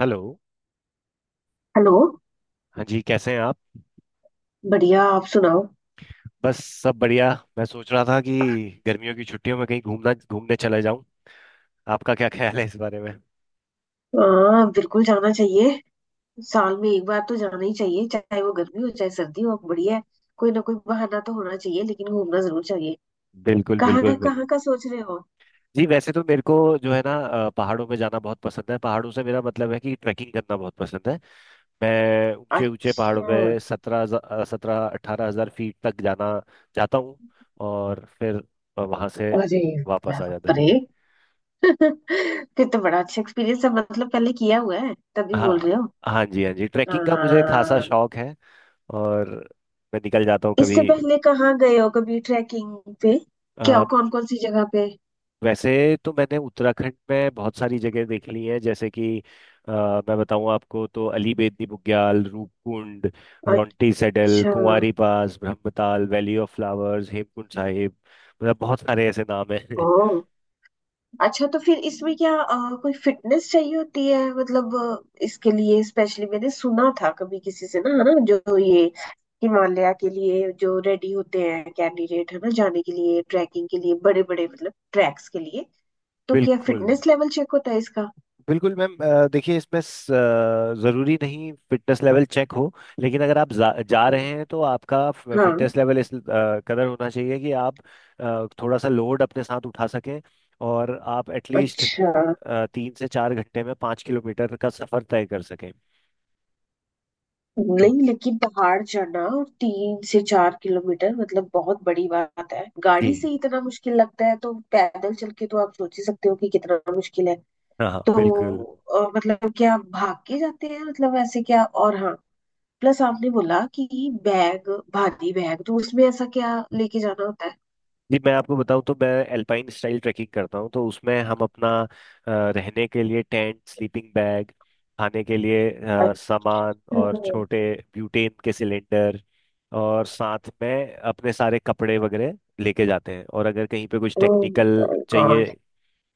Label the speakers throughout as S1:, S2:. S1: Hello.
S2: Hello.
S1: हाँ जी, कैसे हैं आप?
S2: बढ़िया, आप सुनाओ।
S1: बस सब बढ़िया। मैं सोच रहा था कि गर्मियों की छुट्टियों में कहीं घूमना घूमने चला जाऊं। आपका क्या ख्याल है इस बारे में?
S2: हाँ, बिल्कुल जाना चाहिए। साल में एक बार तो जाना ही चाहिए, चाहे वो गर्मी हो चाहे सर्दी हो, बढ़िया है। कोई ना कोई बहाना तो होना चाहिए, लेकिन घूमना जरूर चाहिए।
S1: बिल्कुल, बिल्कुल,
S2: कहाँ
S1: बिल्कुल।
S2: कहाँ का सोच रहे हो?
S1: जी, वैसे तो मेरे को जो है ना पहाड़ों पे जाना बहुत पसंद है। पहाड़ों से मेरा मतलब है कि ट्रैकिंग करना बहुत पसंद है। मैं ऊंचे ऊंचे पहाड़ों
S2: अच्छा।
S1: पे सत्रह सत्रह 18 हजार फीट तक जाना जाता हूँ। और फिर वहां से
S2: अरे
S1: वापस आ जाता
S2: बाप रे!
S1: है।
S2: फिर तो बड़ा अच्छा एक्सपीरियंस है, मतलब पहले किया हुआ है तभी बोल
S1: हाँ।
S2: रहे हो।
S1: हाँ जी, हाँ जी, ट्रैकिंग का मुझे खासा
S2: हाँ।
S1: शौक है। और मैं निकल जाता हूँ कभी।
S2: इससे पहले कहाँ गए हो कभी ट्रैकिंग पे? क्या
S1: अ,
S2: कौन कौन सी जगह पे?
S1: वैसे तो मैंने उत्तराखंड में बहुत सारी जगह देख ली है। जैसे कि अ, मैं बताऊँ आपको, तो अली बेदनी बुग्याल, रूपकुंड, रौंटी सेडल,
S2: अच्छा।
S1: Kuari pass, Brahmatal, valley of flowers, Hemkund Sahib. मतलब बहुत सारे ऐसे नाम हैं।
S2: ओ। अच्छा, तो फिर इसमें क्या कोई फिटनेस चाहिए होती है? मतलब इसके लिए स्पेशली मैंने सुना था कभी किसी से, ना, है ना, जो ये हिमालय के लिए जो रेडी होते हैं कैंडिडेट, है ना, जाने के लिए ट्रैकिंग के लिए, बड़े बड़े मतलब ट्रैक्स के लिए, तो क्या
S1: बिल्कुल।
S2: फिटनेस लेवल चेक होता है इसका?
S1: बिल्कुल मैम, देखिए इसमें ज़रूरी नहीं फिटनेस लेवल चेक हो। लेकिन अगर आप जा
S2: हम्म।
S1: रहे हैं तो आपका
S2: हाँ।
S1: फिटनेस लेवल इस कदर होना चाहिए कि आप थोड़ा सा लोड अपने साथ उठा सकें और आप एटलीस्ट
S2: अच्छा।
S1: 3 से 4 घंटे में 5 किलोमीटर का सफ़र तय कर सकें। तो
S2: नहीं, लेकिन पहाड़ चढ़ना और 3 से 4 किलोमीटर, मतलब बहुत बड़ी बात है। गाड़ी से
S1: जी,
S2: ही इतना मुश्किल लगता है, तो पैदल चल के तो आप सोच ही सकते हो कि कितना मुश्किल है।
S1: हाँ हाँ,
S2: तो
S1: बिल्कुल।
S2: मतलब क्या भाग के जाते हैं? मतलब ऐसे क्या? और हाँ, प्लस आपने बोला कि बैग, भारी बैग, तो उसमें ऐसा क्या लेके जाना होता है?
S1: जी, मैं आपको बताऊं, तो मैं एल्पाइन स्टाइल ट्रैकिंग करता हूं। तो उसमें हम अपना रहने के लिए टेंट, स्लीपिंग बैग, खाने के लिए सामान और
S2: अच्छा।
S1: छोटे ब्यूटेन के सिलेंडर और साथ में अपने सारे कपड़े वगैरह लेके जाते हैं। और अगर कहीं पे कुछ
S2: ओह
S1: टेक्निकल
S2: माय
S1: चाहिए,
S2: गॉड!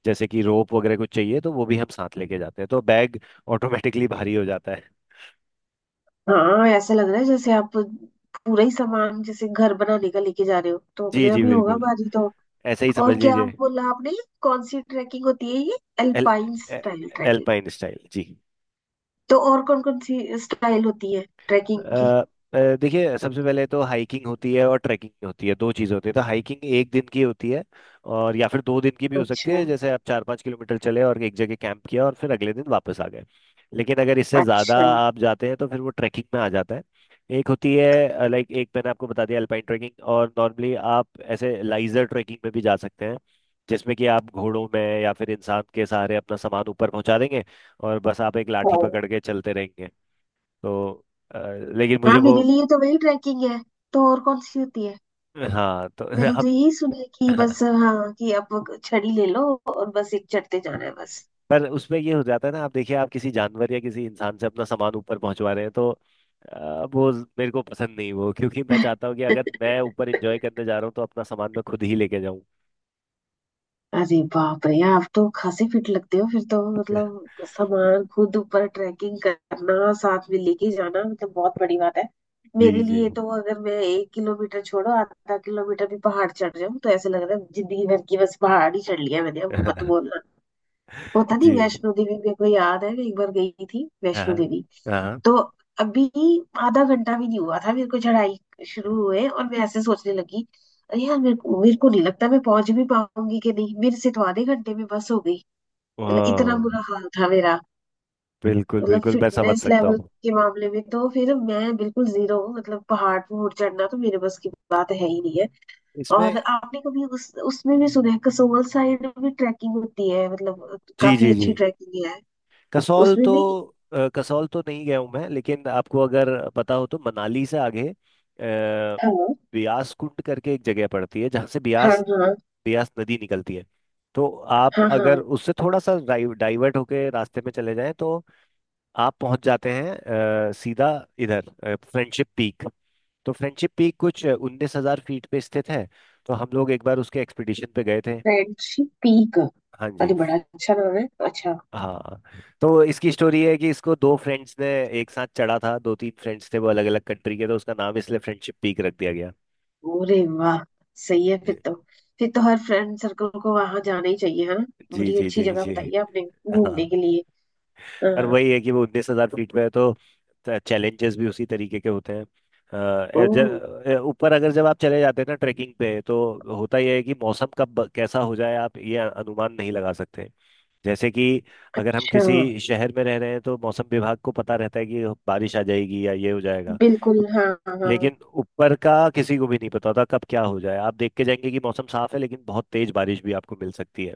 S1: जैसे कि रोप वगैरह कुछ चाहिए, तो वो भी हम साथ लेके जाते हैं। तो बैग ऑटोमेटिकली भारी हो जाता है।
S2: हाँ, ऐसा लग रहा है जैसे आप पूरा ही सामान जैसे घर बनाने का लेके जा रहे हो, तो
S1: जी
S2: अपने
S1: जी
S2: आप ही होगा
S1: बिल्कुल।
S2: भारी तो।
S1: ऐसे ही
S2: और
S1: समझ
S2: क्या
S1: लीजिए।
S2: बोला आपने? कौन सी ट्रैकिंग होती है ये,
S1: एल
S2: अल्पाइन
S1: ए-
S2: स्टाइल ट्रैकिंग?
S1: एल्पाइन स्टाइल जी।
S2: तो और कौन कौन सी स्टाइल होती है
S1: अ,
S2: ट्रैकिंग की?
S1: देखिए, सबसे पहले तो हाइकिंग होती है और ट्रैकिंग होती है, दो चीज़ होती है। तो हाइकिंग एक दिन की होती है, और या फिर 2 दिन की भी हो सकती
S2: अच्छा।
S1: है। जैसे आप 4 5 किलोमीटर चले और एक जगह कैंप किया और फिर अगले दिन वापस आ गए। लेकिन अगर इससे ज़्यादा
S2: अच्छा।
S1: आप जाते हैं तो फिर वो ट्रैकिंग में आ जाता है। एक होती है, लाइक एक मैंने आपको बता दिया, अल्पाइन ट्रैकिंग। और नॉर्मली आप ऐसे लाइजर ट्रैकिंग में भी जा सकते हैं, जिसमें कि आप घोड़ों में या फिर इंसान के सहारे अपना सामान ऊपर पहुंचा देंगे और बस आप एक लाठी पकड़ के चलते रहेंगे। तो अ, लेकिन मुझे
S2: हाँ,
S1: वो।
S2: मेरे लिए तो वही ट्रैकिंग है। तो और कौन सी होती है?
S1: हाँ तो
S2: मैंने तो
S1: हम।
S2: यही सुना है कि बस,
S1: हाँ,
S2: हाँ, कि अब छड़ी ले लो और बस एक चढ़ते जाना है बस।
S1: पर उसमें ये हो जाता है ना। आप देखिए, आप किसी जानवर या किसी इंसान से अपना सामान ऊपर पहुंचवा रहे हैं, तो वो मेरे को पसंद नहीं वो, क्योंकि मैं चाहता हूँ कि अगर मैं ऊपर एंजॉय करने जा रहा हूँ तो अपना सामान मैं खुद ही लेके जाऊँ।
S2: अरे बाप रे! आप तो खासे फिट लगते हो, फिर तो मतलब सामान खुद ऊपर ट्रैकिंग करना, साथ में लेके जाना, मतलब बहुत बड़ी बात है।
S1: जी
S2: मेरे
S1: जी।
S2: लिए तो अगर मैं 1 किलोमीटर छोड़ो, आधा किलोमीटर भी पहाड़ चढ़ जाऊं, तो ऐसे लग रहा है जिंदगी भर की बस पहाड़ ही चढ़ लिया मैंने, अब मत बोलना। होता नहीं।
S1: जी।
S2: वैष्णो देवी, मेरे को याद है मैं एक बार गई थी
S1: हाँ
S2: वैष्णो
S1: हाँ
S2: देवी,
S1: हाँ।
S2: तो अभी आधा घंटा भी नहीं हुआ था मेरे को चढ़ाई शुरू हुए, और मैं ऐसे सोचने लगी, अरे यार, मेरे को नहीं लगता मैं पहुंच भी पाऊंगी कि नहीं, मेरे से तो आधे घंटे में बस हो गई। मतलब इतना बुरा
S1: हाँ,
S2: हाल था मेरा।
S1: बिल्कुल
S2: मतलब
S1: बिल्कुल, मैं समझ
S2: फिटनेस
S1: सकता
S2: लेवल
S1: हूँ।
S2: के मामले में तो फिर मैं बिल्कुल जीरो हूँ, मतलब पहाड़ पर चढ़ना तो मेरे बस की बात है ही नहीं है।
S1: इसमें
S2: और आपने कभी उस उसमें भी सुना है कसोल साइड में ट्रैकिंग होती है, मतलब
S1: जी
S2: काफी
S1: जी जी,
S2: अच्छी ट्रैकिंग है
S1: कसौल
S2: उसमें
S1: तो
S2: भी।
S1: कसौल तो नहीं गया हूँ मैं, लेकिन आपको अगर पता हो, तो मनाली से आगे
S2: हेलो?
S1: ब्यास कुंड करके एक जगह पड़ती है जहाँ से
S2: हाँ
S1: ब्यास
S2: हाँ
S1: ब्यास नदी निकलती है। तो आप
S2: हाँ। हाँ।
S1: अगर उससे थोड़ा सा डाइवर्ट होके रास्ते में चले जाएं, तो आप पहुंच जाते हैं सीधा इधर फ्रेंडशिप पीक। तो फ्रेंडशिप पीक कुछ 19 हजार फीट पे स्थित है। तो हम लोग एक बार उसके एक्सपीडिशन पे गए थे।
S2: Friendship peak?
S1: हाँ जी।
S2: अरे बड़ा अच्छा नाम है, अच्छा।
S1: हाँ, तो इसकी स्टोरी है कि इसको दो फ्रेंड्स ने एक साथ चढ़ा था। दो तीन फ्रेंड्स थे वो, अलग अलग कंट्री के, तो उसका नाम इसलिए फ्रेंडशिप पीक रख दिया गया।
S2: अरे वाह! सही है फिर तो। फिर तो हर फ्रेंड सर्कल को वहां जाना ही चाहिए, है ना?
S1: जी
S2: बड़ी
S1: जी
S2: अच्छी
S1: जी
S2: जगह
S1: जी।
S2: बताई है आपने
S1: हाँ,
S2: घूमने के लिए।
S1: और
S2: हाँ।
S1: वही है कि वो 19 हजार फीट पे है, तो चैलेंजेस भी उसी तरीके के होते हैं।
S2: ओ
S1: ऊपर अगर जब आप चले जाते हैं ना ट्रैकिंग पे, तो होता यह है कि मौसम कब कैसा हो जाए, आप ये अनुमान नहीं लगा सकते। जैसे कि अगर हम
S2: अच्छा।
S1: किसी शहर में रह रहे हैं तो मौसम विभाग को पता रहता है कि बारिश आ जाएगी या ये हो जाएगा।
S2: बिल्कुल हाँ हाँ हाँ।
S1: लेकिन ऊपर का किसी को भी नहीं पता था कब क्या हो जाए। आप देख के जाएंगे कि मौसम साफ है, लेकिन बहुत तेज बारिश भी आपको मिल सकती है।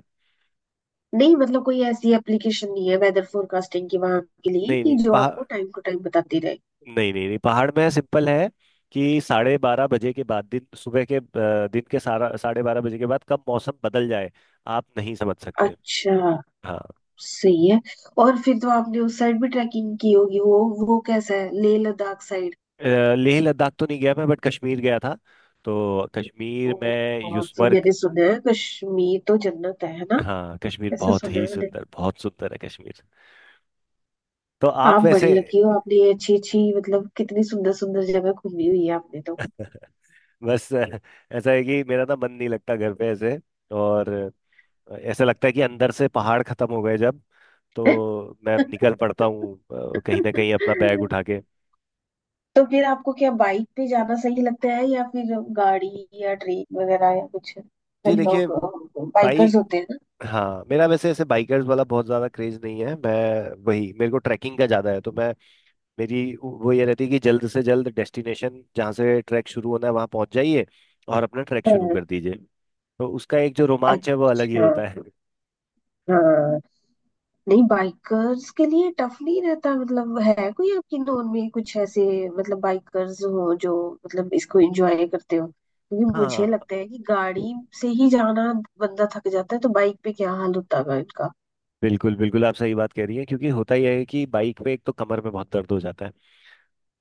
S2: नहीं, मतलब कोई ऐसी एप्लीकेशन नहीं है वेदर फोरकास्टिंग की वहां के लिए,
S1: नहीं
S2: कि
S1: नहीं,
S2: जो
S1: पहाड़,
S2: आपको टाइम टू टाइम बताती रहे?
S1: नहीं नहीं नहीं, पहाड़ में सिंपल है कि 12:30 बजे के बाद, दिन सुबह के दिन के सारा 12:30 बजे के बाद कब मौसम बदल जाए, आप नहीं समझ सकते।
S2: अच्छा।
S1: हाँ।
S2: सही है। और फिर तो आपने उस साइड भी ट्रैकिंग की होगी, वो कैसा है, लेह लद्दाख साइड?
S1: लेह लद्दाख तो नहीं गया मैं, बट कश्मीर गया था। तो
S2: ओ।
S1: कश्मीर में
S2: और तो
S1: युस्मर्ग।
S2: मैंने सुना है कश्मीर तो जन्नत है ना?
S1: हाँ, कश्मीर
S2: ऐसा
S1: बहुत
S2: सुना
S1: ही
S2: है मैंने।
S1: सुंदर, बहुत सुंदर है कश्मीर। तो आप
S2: आप
S1: वैसे।
S2: बड़ी लकी हो, आपने ये अच्छी अच्छी मतलब कितनी सुंदर सुंदर जगह घूमी हुई है आपने तो।
S1: बस ऐसा है कि मेरा ना मन नहीं लगता घर पे ऐसे। और ऐसा लगता है कि अंदर से पहाड़ खत्म हो गए जब, तो मैं निकल पड़ता हूँ कहीं ना कहीं अपना बैग उठा के।
S2: तो फिर आपको क्या बाइक पे जाना सही लगता है, या फिर गाड़ी या ट्रेन वगैरह या कुछ?
S1: जी
S2: कई
S1: देखिए,
S2: लोग
S1: भाई,
S2: बाइकर्स होते हैं ना।
S1: हाँ मेरा वैसे ऐसे बाइकर्स वाला बहुत ज्यादा क्रेज नहीं है। मैं वही, मेरे को ट्रैकिंग का ज्यादा है, तो मैं, मेरी वो ये रहती है कि जल्द से जल्द डेस्टिनेशन जहाँ से ट्रैक शुरू होना है वहाँ पहुंच जाइए और अपना ट्रैक शुरू
S2: हाँ।
S1: कर दीजिए। तो उसका एक जो रोमांच है वो अलग ही
S2: अच्छा।
S1: होता है।
S2: हाँ। नहीं, बाइकर्स के लिए टफ नहीं रहता, मतलब है कोई आपकी नोन में कुछ ऐसे, मतलब बाइकर्स हो जो, मतलब इसको एंजॉय करते हो? क्योंकि मुझे
S1: हाँ,
S2: लगता है कि गाड़ी से ही जाना बंदा थक जाता है, तो बाइक पे क्या हाल होता है इनका।
S1: बिल्कुल बिल्कुल, आप सही बात कह रही हैं। क्योंकि होता ही है कि बाइक पे एक तो कमर में बहुत दर्द हो जाता है।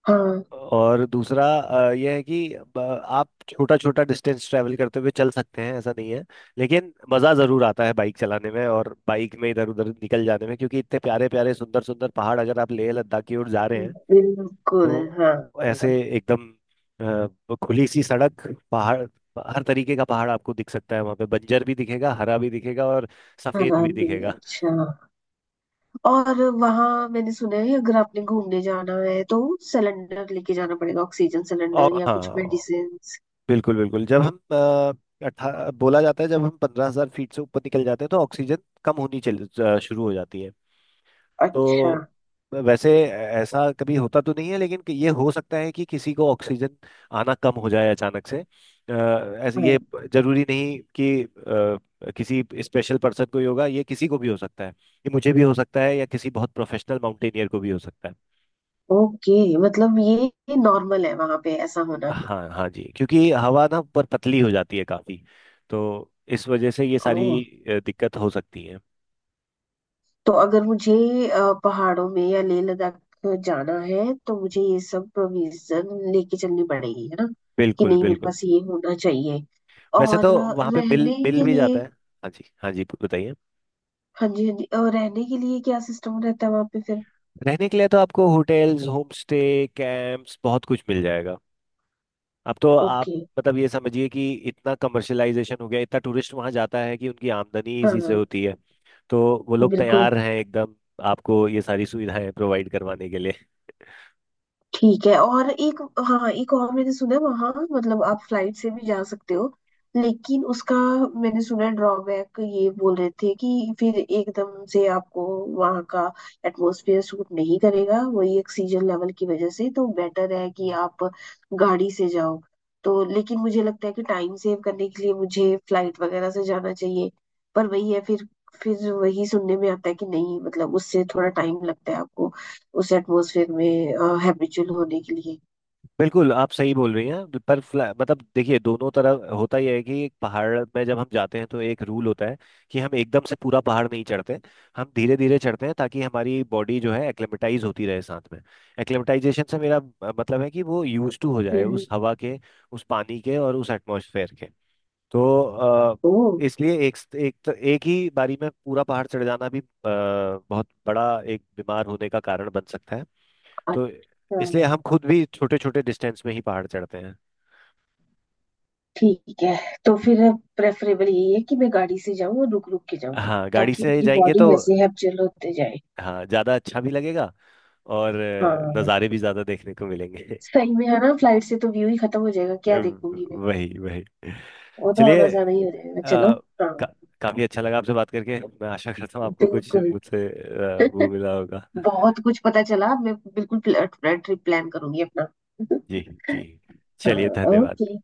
S2: हाँ।
S1: और दूसरा यह है कि आप छोटा छोटा डिस्टेंस ट्रैवल करते हुए चल सकते हैं, ऐसा नहीं है। लेकिन मज़ा ज़रूर आता है बाइक चलाने में और बाइक में इधर उधर निकल जाने में, क्योंकि इतने प्यारे प्यारे सुंदर सुंदर पहाड़, अगर आप लेह लद्दाख की ओर जा रहे हैं
S2: बिल्कुल
S1: तो
S2: हाँ।
S1: ऐसे एकदम खुली सी सड़क, पहाड़, हर तरीके का पहाड़ आपको दिख सकता है। वहाँ पे बंजर भी दिखेगा, हरा भी दिखेगा, और सफ़ेद भी
S2: हराबी,
S1: दिखेगा।
S2: अच्छा। और वहां, मैंने सुना है अगर आपने घूमने जाना है तो सिलेंडर लेके जाना पड़ेगा, ऑक्सीजन सिलेंडर
S1: और
S2: या कुछ
S1: हाँ,
S2: मेडिसिन?
S1: बिल्कुल बिल्कुल, जब हम 18 बोला जाता है, जब हम 15 हजार फीट से ऊपर निकल जाते हैं तो ऑक्सीजन कम होनी शुरू हो जाती है।
S2: अच्छा।
S1: तो वैसे ऐसा कभी होता तो नहीं है, लेकिन कि ये हो सकता है कि किसी को ऑक्सीजन आना कम हो जाए अचानक से। अ, ऐसे ये,
S2: हाँ।
S1: जरूरी नहीं कि किसी स्पेशल पर्सन को ही होगा ये, किसी को भी हो सकता है, ये मुझे भी हो सकता है या किसी बहुत प्रोफेशनल माउंटेनियर को भी हो सकता है।
S2: ओके। मतलब ये नॉर्मल है वहां पे ऐसा होना?
S1: हाँ हाँ जी, क्योंकि हवा ना पर पतली हो जाती है काफी। तो इस वजह से ये
S2: ओह।
S1: सारी दिक्कत हो सकती है।
S2: तो अगर मुझे अ, पहाड़ों में या लेह लद्दाख जाना है तो मुझे ये सब प्रोविजन लेके चलनी पड़ेगी, है ना? कि
S1: बिल्कुल
S2: नहीं, मेरे
S1: बिल्कुल।
S2: पास ये होना चाहिए।
S1: वैसे
S2: और
S1: तो वहाँ पे बिल
S2: रहने
S1: बिल
S2: के
S1: भी जाता
S2: लिए,
S1: है। हाँ जी, हाँ जी, बताइए।
S2: हाँ जी हाँ जी, और रहने के लिए क्या सिस्टम रहता है वहां पे फिर?
S1: रहने के लिए तो आपको होटल्स, होम स्टे, कैंप्स बहुत कुछ मिल जाएगा। अब तो आप,
S2: ओके।
S1: मतलब ये समझिए कि इतना कमर्शलाइजेशन हो गया, इतना टूरिस्ट वहाँ जाता है कि उनकी आमदनी इसी से
S2: हाँ।
S1: होती है। तो वो लोग
S2: बिल्कुल।
S1: तैयार हैं एकदम आपको ये सारी सुविधाएं प्रोवाइड करवाने के लिए।
S2: ठीक है। और एक, हाँ, एक और मैंने सुना है वहाँ, मतलब आप फ्लाइट से भी जा सकते हो, लेकिन उसका मैंने सुना ड्रॉबैक ये बोल रहे थे कि फिर एकदम से आपको वहाँ का एटमॉस्फेयर सूट नहीं करेगा, वही ऑक्सीजन लेवल की वजह से, तो बेटर है कि आप गाड़ी से जाओ। तो लेकिन मुझे लगता है कि टाइम सेव करने के लिए मुझे फ्लाइट वगैरह से जाना चाहिए। पर वही है, फिर वही सुनने में आता है कि नहीं, मतलब उससे थोड़ा टाइम लगता है आपको उस एटमॉस्फेयर में हैबिचुअल होने के लिए।
S1: बिल्कुल, आप सही बोल रही हैं। पर मतलब देखिए, दोनों तरफ होता यह है कि एक पहाड़ में जब हम जाते हैं तो एक रूल होता है कि हम एकदम से पूरा पहाड़ नहीं चढ़ते। हम धीरे धीरे चढ़ते हैं ताकि हमारी बॉडी जो है एक्लेमेटाइज होती रहे साथ में। एक्लेमेटाइजेशन से मेरा मतलब है कि वो यूज टू हो जाए
S2: हम्म।
S1: उस हवा के, उस पानी के और उस एटमॉस्फेयर के। तो
S2: ओ।
S1: इसलिए एक एक एक ही बारी में पूरा पहाड़ चढ़ जाना भी बहुत बड़ा एक बीमार होने का कारण बन सकता है। तो इसलिए
S2: अच्छा।
S1: हम खुद भी छोटे छोटे डिस्टेंस में ही पहाड़ चढ़ते हैं।
S2: ठीक है। तो फिर प्रेफरेबल यही है कि मैं गाड़ी से जाऊं और रुक रुक के जाऊं
S1: हाँ, गाड़ी
S2: ताकि
S1: से
S2: मेरी
S1: जाएंगे
S2: बॉडी
S1: तो
S2: वैसे हैबिचुअल होते जाए।
S1: हाँ, ज्यादा अच्छा भी लगेगा और
S2: हाँ,
S1: नज़ारे भी ज्यादा देखने को मिलेंगे।
S2: सही में, है ना? फ्लाइट से तो व्यू ही खत्म हो जाएगा, क्या देखूंगी मैं?
S1: वही वही।
S2: वो तो
S1: चलिए
S2: आना जाना ही हो जाएगा, चलो। हाँ
S1: का, काफी अच्छा लगा आपसे बात करके। मैं आशा करता हूँ आपको कुछ
S2: बिल्कुल।
S1: मुझसे वो मिला होगा।
S2: बहुत कुछ पता चला, मैं बिल्कुल ट्रिप प्लान करूंगी अपना।
S1: जी। जी, चलिए,
S2: हाँ।
S1: धन्यवाद।
S2: ओके।